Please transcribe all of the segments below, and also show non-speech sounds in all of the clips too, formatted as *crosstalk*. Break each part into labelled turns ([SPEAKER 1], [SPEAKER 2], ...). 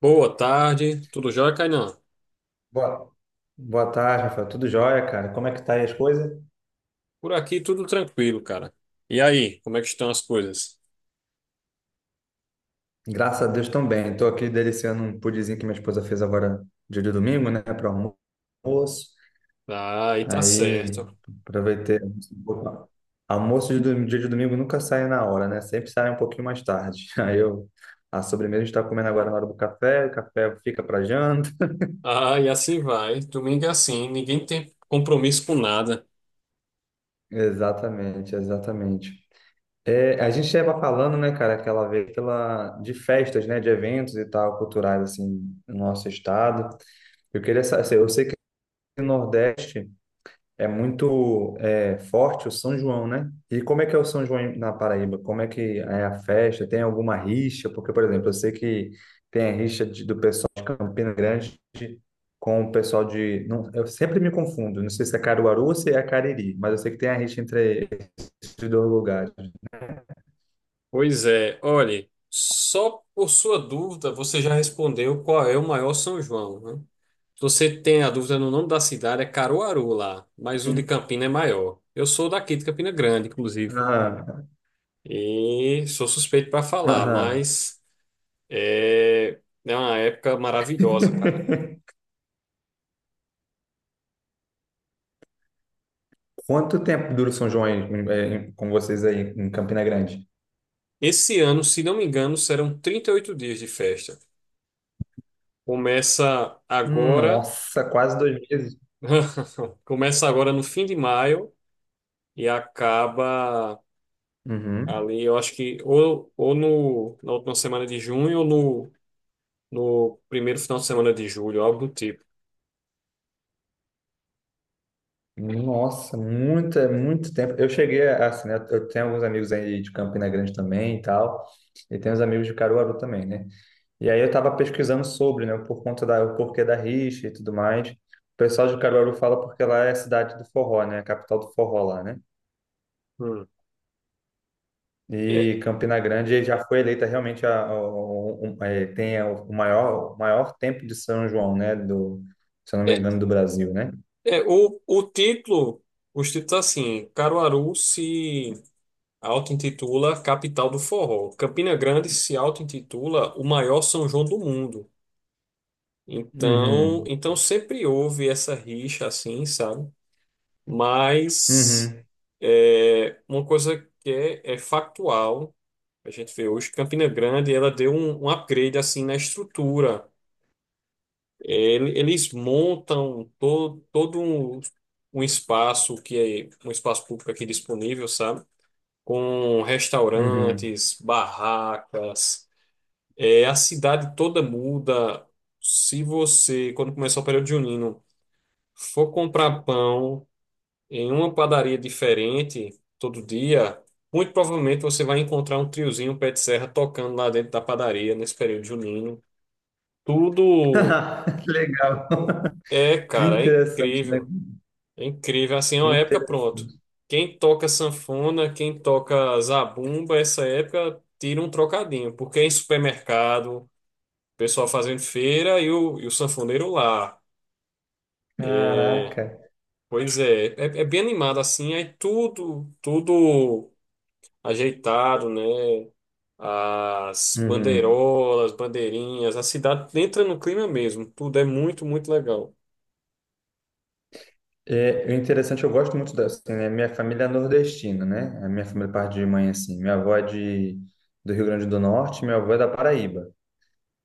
[SPEAKER 1] Boa tarde, tudo jóia, Kainan?
[SPEAKER 2] Boa, boa tarde, Rafael. Tudo jóia, cara? Como é que tá aí as coisas?
[SPEAKER 1] Por aqui tudo tranquilo, cara. E aí, como é que estão as coisas?
[SPEAKER 2] Graças a Deus também. Estou aqui deliciando um pudinzinho que minha esposa fez agora dia de domingo, né, para almoço.
[SPEAKER 1] Ah, aí tá
[SPEAKER 2] Aí
[SPEAKER 1] certo.
[SPEAKER 2] aproveitei um pouco. Almoço dia de domingo nunca sai na hora, né? Sempre sai um pouquinho mais tarde. *laughs* Aí eu a sobremesa a gente está comendo agora na hora do café, o café fica para janta.
[SPEAKER 1] Ah, e assim vai. Domingo é assim, ninguém tem compromisso com nada.
[SPEAKER 2] *laughs* Exatamente, exatamente. É, a gente estava falando, né, cara, aquela vez de festas, né, de eventos e tal, culturais, assim, no nosso estado. Eu queria saber, eu sei que no Nordeste é muito forte o São João, né? E como é que é o São João na Paraíba? Como é que é a festa? Tem alguma rixa? Porque, por exemplo, eu sei que tem a rixa do pessoal de Campina Grande com o pessoal de. Não, eu sempre me confundo, não sei se é Caruaru ou se é Cariri, mas eu sei que tem a rixa entre esses dois lugares.
[SPEAKER 1] Pois é, olhe, só por sua dúvida você já respondeu qual é o maior São João, né? Se você tem a dúvida no nome da cidade, é Caruaru lá, mas o de Campina é maior. Eu sou daqui de Campina Grande, inclusive,
[SPEAKER 2] Aham,
[SPEAKER 1] e sou suspeito para falar,
[SPEAKER 2] aham.
[SPEAKER 1] mas. É, é uma época maravilhosa, cara.
[SPEAKER 2] *laughs* Quanto tempo dura o São João aí, com vocês aí em Campina Grande?
[SPEAKER 1] Esse ano, se não me engano, serão 38 dias de festa. Começa agora,
[SPEAKER 2] Nossa, quase 2 meses.
[SPEAKER 1] *laughs* começa agora no fim de maio e acaba
[SPEAKER 2] Uhum.
[SPEAKER 1] ali, eu acho que ou no, na última semana de junho ou no primeiro final de semana de julho, algo do tipo.
[SPEAKER 2] Nossa, é muito tempo. Eu cheguei assim, né? Eu tenho alguns amigos aí de Campina Grande também e tal, e tenho uns amigos de Caruaru também, né? E aí eu tava pesquisando sobre, né, por conta o porquê da rixa e tudo mais. O pessoal de Caruaru fala porque lá é a cidade do forró, né? A capital do forró lá, né?
[SPEAKER 1] Hum. É,
[SPEAKER 2] E Campina Grande já foi eleita realmente tem o maior tempo de São João, né? Se eu não me
[SPEAKER 1] é,
[SPEAKER 2] engano, do Brasil, né?
[SPEAKER 1] o título, os títulos assim, Caruaru se auto-intitula Capital do Forró. Campina Grande se auto-intitula o maior São João do mundo. Então,
[SPEAKER 2] Uhum,
[SPEAKER 1] então sempre houve essa rixa assim, sabe? Mas
[SPEAKER 2] uhum,
[SPEAKER 1] é, uma coisa que é factual, a gente vê hoje, Campina Grande, ela deu um upgrade assim na estrutura. Eles montam todo um espaço que é um espaço público aqui disponível, sabe? Com
[SPEAKER 2] uhum.
[SPEAKER 1] restaurantes, barracas. É, a cidade toda muda. Se você, quando começar o período junino, for comprar pão em uma padaria diferente todo dia, muito provavelmente você vai encontrar um triozinho um pé de serra tocando lá dentro da padaria nesse período junino.
[SPEAKER 2] *laughs*
[SPEAKER 1] Tudo
[SPEAKER 2] Que legal.
[SPEAKER 1] é,
[SPEAKER 2] Que
[SPEAKER 1] cara, é
[SPEAKER 2] interessante, né?
[SPEAKER 1] incrível. É incrível, assim, é
[SPEAKER 2] Que
[SPEAKER 1] uma época, pronto.
[SPEAKER 2] interessante.
[SPEAKER 1] Quem toca sanfona, quem toca zabumba, essa época tira um trocadinho, porque é em supermercado, pessoal fazendo feira e o sanfoneiro lá.
[SPEAKER 2] Caraca.
[SPEAKER 1] Pois é bem animado assim, aí tudo ajeitado, né? As
[SPEAKER 2] Uhum.
[SPEAKER 1] bandeirolas, bandeirinhas, a cidade entra no clima mesmo, tudo é muito, muito legal.
[SPEAKER 2] É, o interessante, eu gosto muito da, assim, né? Minha família é nordestina, né? A minha família parte de mãe, assim. Minha avó é do Rio Grande do Norte, minha avó é da Paraíba.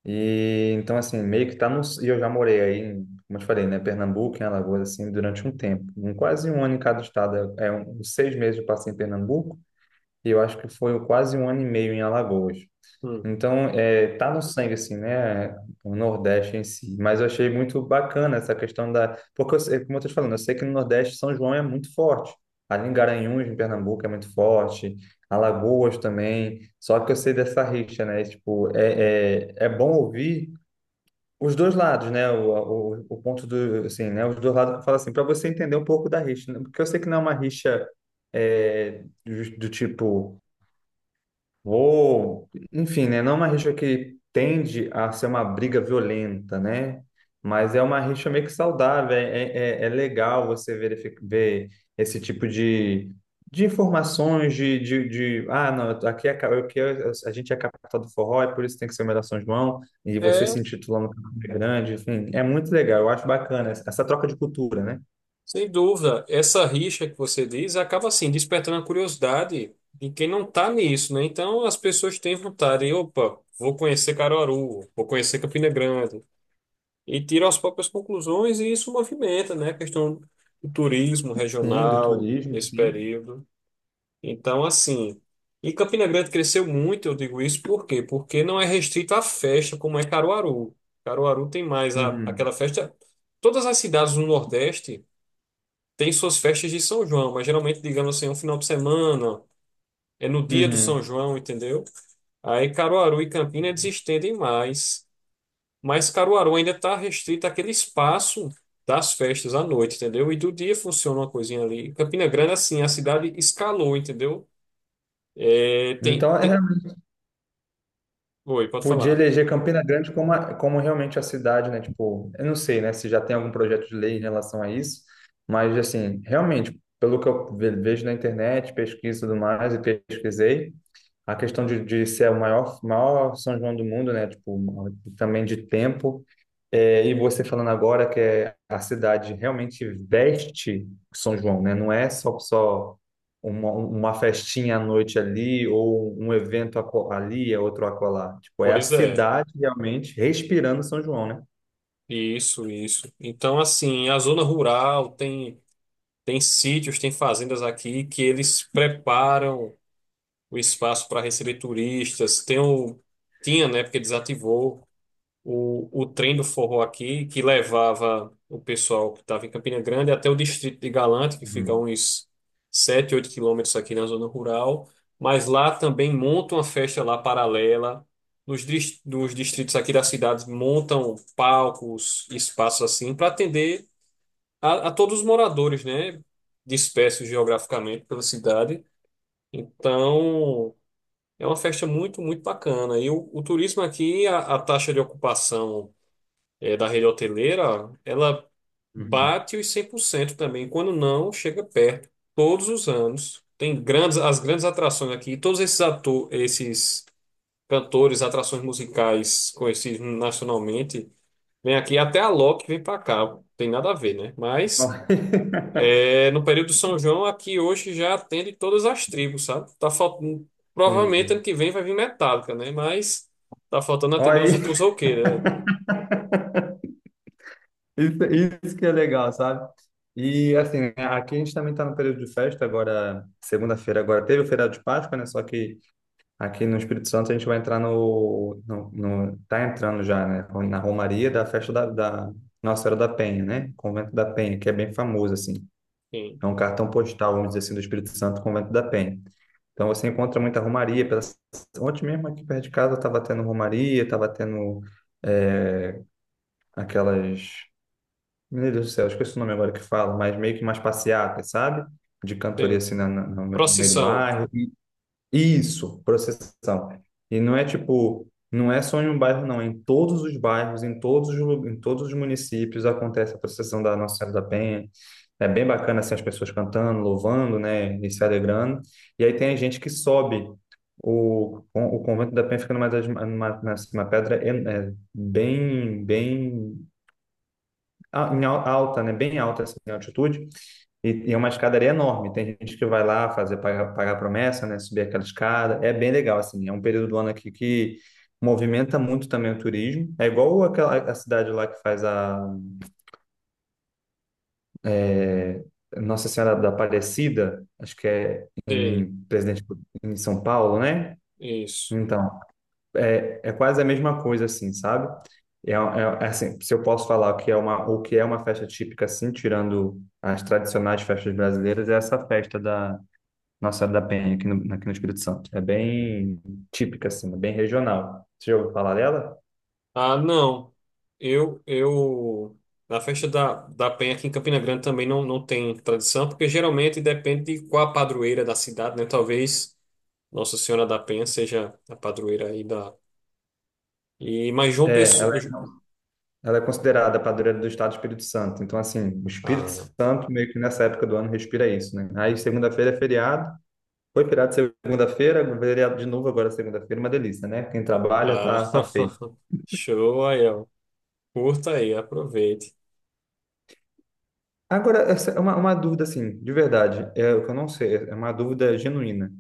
[SPEAKER 2] E então, assim, meio que tá no. E eu já morei aí, como eu te falei, né? Pernambuco, em Alagoas, assim, durante um tempo. Quase um ano em cada estado. 6 meses eu passei em Pernambuco e eu acho que foi quase um ano e meio em Alagoas.
[SPEAKER 1] Hum.
[SPEAKER 2] Então, tá no sangue, assim, né? O Nordeste em si. Mas eu achei muito bacana essa questão da. Porque, como eu tô te falando, eu sei que no Nordeste São João é muito forte. Ali em Garanhuns, em Pernambuco, é muito forte. Alagoas também. Só que eu sei dessa rixa, né? Tipo, é bom ouvir os dois lados, né? O ponto do, assim, né? Os dois lados, fala assim, para você entender um pouco da rixa, né? Porque eu sei que não é uma rixa do tipo. Ou, enfim, né? Não é uma rixa que tende a ser uma briga violenta, né? Mas é uma rixa meio que saudável. É legal você ver esse tipo de informações, ah, não, aqui, a gente é capital do forró, é por isso que tem que ser o melhor São João, e você se
[SPEAKER 1] É.
[SPEAKER 2] intitulando grande, enfim, é muito legal. Eu acho bacana essa troca de cultura, né?
[SPEAKER 1] Sem dúvida, essa rixa que você diz acaba assim despertando a curiosidade de quem não está nisso, né? Então as pessoas têm vontade, e, opa, vou conhecer Caruaru, vou conhecer Campina Grande e tiram as próprias conclusões e isso movimenta, né? A questão do turismo
[SPEAKER 2] Sim, do
[SPEAKER 1] regional
[SPEAKER 2] turismo,
[SPEAKER 1] nesse
[SPEAKER 2] sim.
[SPEAKER 1] período. Então assim, e Campina Grande cresceu muito, eu digo isso por quê? Porque não é restrito à festa como é Caruaru. Caruaru tem mais
[SPEAKER 2] Uhum.
[SPEAKER 1] aquela festa. Todas as cidades do Nordeste tem suas festas de São João, mas geralmente, digamos assim, é um final de semana, é no dia do São
[SPEAKER 2] Uhum.
[SPEAKER 1] João, entendeu? Aí Caruaru e Campina eles estendem mais, mas Caruaru ainda está restrito àquele espaço das festas à noite, entendeu? E do dia funciona uma coisinha ali. Campina Grande, assim, a cidade escalou, entendeu? É, tem,
[SPEAKER 2] Então,
[SPEAKER 1] tem... Oi, pode
[SPEAKER 2] podia
[SPEAKER 1] falar.
[SPEAKER 2] eleger Campina Grande como, como realmente a cidade, né? Tipo, eu não sei, né, se já tem algum projeto de lei em relação a isso, mas, assim, realmente, pelo que eu vejo na internet, pesquiso e tudo mais, e pesquisei, a questão de ser o maior São João do mundo, né? Tipo, também de tempo. É, e você falando agora que a cidade realmente veste São João, né? Não é só uma festinha à noite ali ou um evento ali, é outro acolá. Tipo, é a
[SPEAKER 1] Pois é,
[SPEAKER 2] cidade realmente respirando São João, né?
[SPEAKER 1] isso, isso. Então, assim, a zona rural tem sítios, tem fazendas aqui que eles preparam. O espaço para receber turistas. Tinha, né, porque desativou o trem do forró aqui, que levava o pessoal que estava em Campina Grande até o distrito de Galante, que fica
[SPEAKER 2] Uhum,
[SPEAKER 1] uns 7 8 km aqui na zona rural. Mas lá também montam uma festa lá paralela. Nos distritos aqui da cidade montam palcos, espaços assim, para atender a todos os moradores, né? Dispersos geograficamente pela cidade. Então, é uma festa muito, muito bacana. E o turismo aqui, a taxa de ocupação da rede hoteleira, ela
[SPEAKER 2] uhum.
[SPEAKER 1] bate os 100% também. Quando não, chega perto. Todos os anos. Tem grandes, as grandes atrações aqui. Todos esses cantores, atrações musicais conhecidos nacionalmente, vêm aqui. Até a Loki vem para cá. Tem nada a ver, né? Mas
[SPEAKER 2] *laughs*
[SPEAKER 1] é, no período de São João, aqui hoje já atende todas as tribos, sabe? Tá faltando, provavelmente ano
[SPEAKER 2] Sim.
[SPEAKER 1] que vem vai vir Metallica, né? Mas tá faltando atender
[SPEAKER 2] Olha
[SPEAKER 1] os,
[SPEAKER 2] aí,
[SPEAKER 1] os roqueiros, né?
[SPEAKER 2] Isso, isso que é legal, sabe? E assim, né, aqui a gente também está no período de festa agora, segunda-feira agora teve o feriado de Páscoa, né? Só que aqui no Espírito Santo a gente vai entrar tá entrando já, né? Na Romaria da festa da Nossa Senhora da Penha, né? Convento da Penha, que é bem famoso assim.
[SPEAKER 1] Sim.
[SPEAKER 2] É um cartão postal, vamos dizer assim, do Espírito Santo, Convento da Penha. Então você encontra muita romaria. Pela. Ontem mesmo aqui perto de casa estava tendo romaria, estava tendo é, aquelas meu Deus do céu, esqueci o nome agora que fala, mas meio que umas passeatas, sabe? De cantoria
[SPEAKER 1] Sim.
[SPEAKER 2] assim no meio do
[SPEAKER 1] Procissão.
[SPEAKER 2] bairro. Isso, procissão. E não é tipo, não é só em um bairro, não. Em todos os bairros, em todos os municípios acontece a procissão da Nossa Senhora da Penha. É bem bacana assim, as pessoas cantando, louvando, né? E se alegrando. E aí tem a gente que sobe. O convento da Penha fica numa pedra en- é, bem, bem a- em al- alta, né? Bem alta, assim, em altitude. E é uma escadaria enorme. Tem gente que vai lá fazer pagar promessa, né? Subir aquela escada. É bem legal, assim. É um período do ano aqui que movimenta muito também o turismo. É igual aquela a cidade lá que faz é, Nossa Senhora da Aparecida, acho que é
[SPEAKER 1] Sim.
[SPEAKER 2] em Presidente em São Paulo, né?
[SPEAKER 1] Isso.
[SPEAKER 2] Então, quase a mesma coisa, assim, sabe? É assim, se eu posso falar o que é uma festa típica, assim, tirando as tradicionais festas brasileiras, é essa festa da Nossa Senhora da Penha aqui no Espírito Santo. É bem típica, assim, é bem regional. Você já ouviu falar dela?
[SPEAKER 1] Ah, não. Eu, eu, na festa da Penha aqui em Campina Grande também não tem tradição, porque geralmente depende de qual a padroeira da cidade, né? Talvez Nossa Senhora da Penha seja a padroeira aí da. E, mas João
[SPEAKER 2] É, ela,
[SPEAKER 1] Pessoa.
[SPEAKER 2] é- ela é considerada a padroeira do Estado do Espírito Santo. Então, assim, o Espírito
[SPEAKER 1] Ah,
[SPEAKER 2] Santo meio que nessa época do ano respira isso, né? Aí, segunda-feira é feriado. Foi feriado segunda-feira, feriado de novo agora segunda-feira, uma delícia, né? Quem trabalha
[SPEAKER 1] ah,
[SPEAKER 2] tá feito.
[SPEAKER 1] *laughs* show aí, ó. Curta aí, aproveite.
[SPEAKER 2] Agora, essa é uma dúvida, assim, de verdade, é o que eu não sei, é uma dúvida genuína.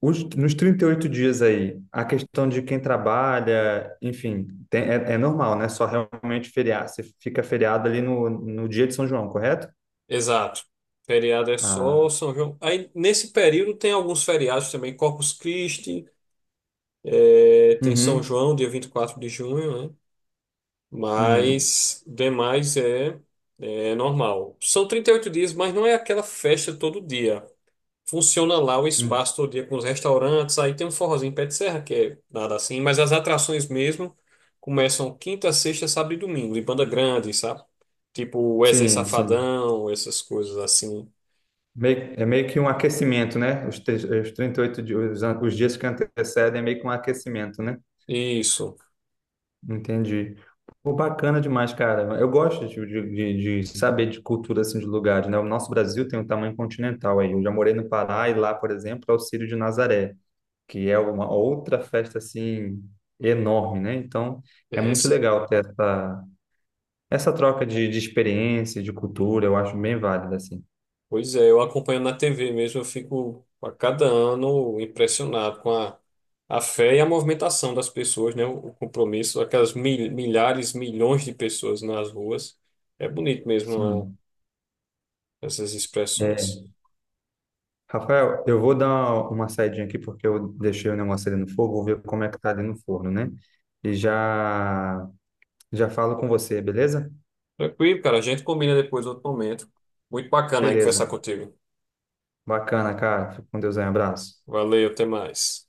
[SPEAKER 2] Nos 38 dias aí, a questão de quem trabalha, enfim, é normal, né? Só realmente feriar. Você fica feriado ali no dia de São João, correto?
[SPEAKER 1] Exato. Feriado é só
[SPEAKER 2] Ah,
[SPEAKER 1] São João. Aí, nesse período, tem alguns feriados também. Corpus Christi, é, tem São
[SPEAKER 2] uhum,
[SPEAKER 1] João, dia 24 de junho, né?
[SPEAKER 2] uhum.
[SPEAKER 1] Mas, demais é normal. São 38 dias, mas não é aquela festa todo dia. Funciona lá o
[SPEAKER 2] Hum,
[SPEAKER 1] espaço todo dia com os restaurantes, aí tem um forrozinho pé de serra, que é nada assim, mas as atrações mesmo começam quinta, sexta, sábado e domingo, de banda grande, sabe? Tipo Wesley
[SPEAKER 2] sim, sim.
[SPEAKER 1] Safadão, essas coisas assim.
[SPEAKER 2] É meio que um aquecimento, né? Os 38 dias, os dias que antecedem é meio que um aquecimento, né?
[SPEAKER 1] Isso.
[SPEAKER 2] Entendi. Pô, bacana demais, cara. Eu gosto saber de cultura assim, de lugares, né? O nosso Brasil tem um tamanho continental aí. Eu já morei no Pará e lá, por exemplo, é o Círio de Nazaré, que é uma outra festa assim enorme, né? Então, é
[SPEAKER 1] É,
[SPEAKER 2] muito
[SPEAKER 1] sim.
[SPEAKER 2] legal ter essa troca de experiência, de cultura, eu acho bem válida, assim.
[SPEAKER 1] Pois é, eu acompanho na TV mesmo, eu fico a cada ano impressionado com a fé e a movimentação das pessoas, né? O compromisso, aquelas milhares, milhões de pessoas nas ruas. É bonito mesmo, né,
[SPEAKER 2] Sim.
[SPEAKER 1] essas expressões.
[SPEAKER 2] É. Rafael, eu vou dar uma saidinha aqui porque eu deixei o negócio ali no fogo, vou ver como é que tá ali no forno, né? E já Já falo com você, beleza?
[SPEAKER 1] Tranquilo, cara. A gente combina depois outro momento. Muito bacana aí
[SPEAKER 2] Beleza.
[SPEAKER 1] conversar contigo.
[SPEAKER 2] Bacana, cara. Fica com Deus aí. Um abraço.
[SPEAKER 1] Valeu, até mais.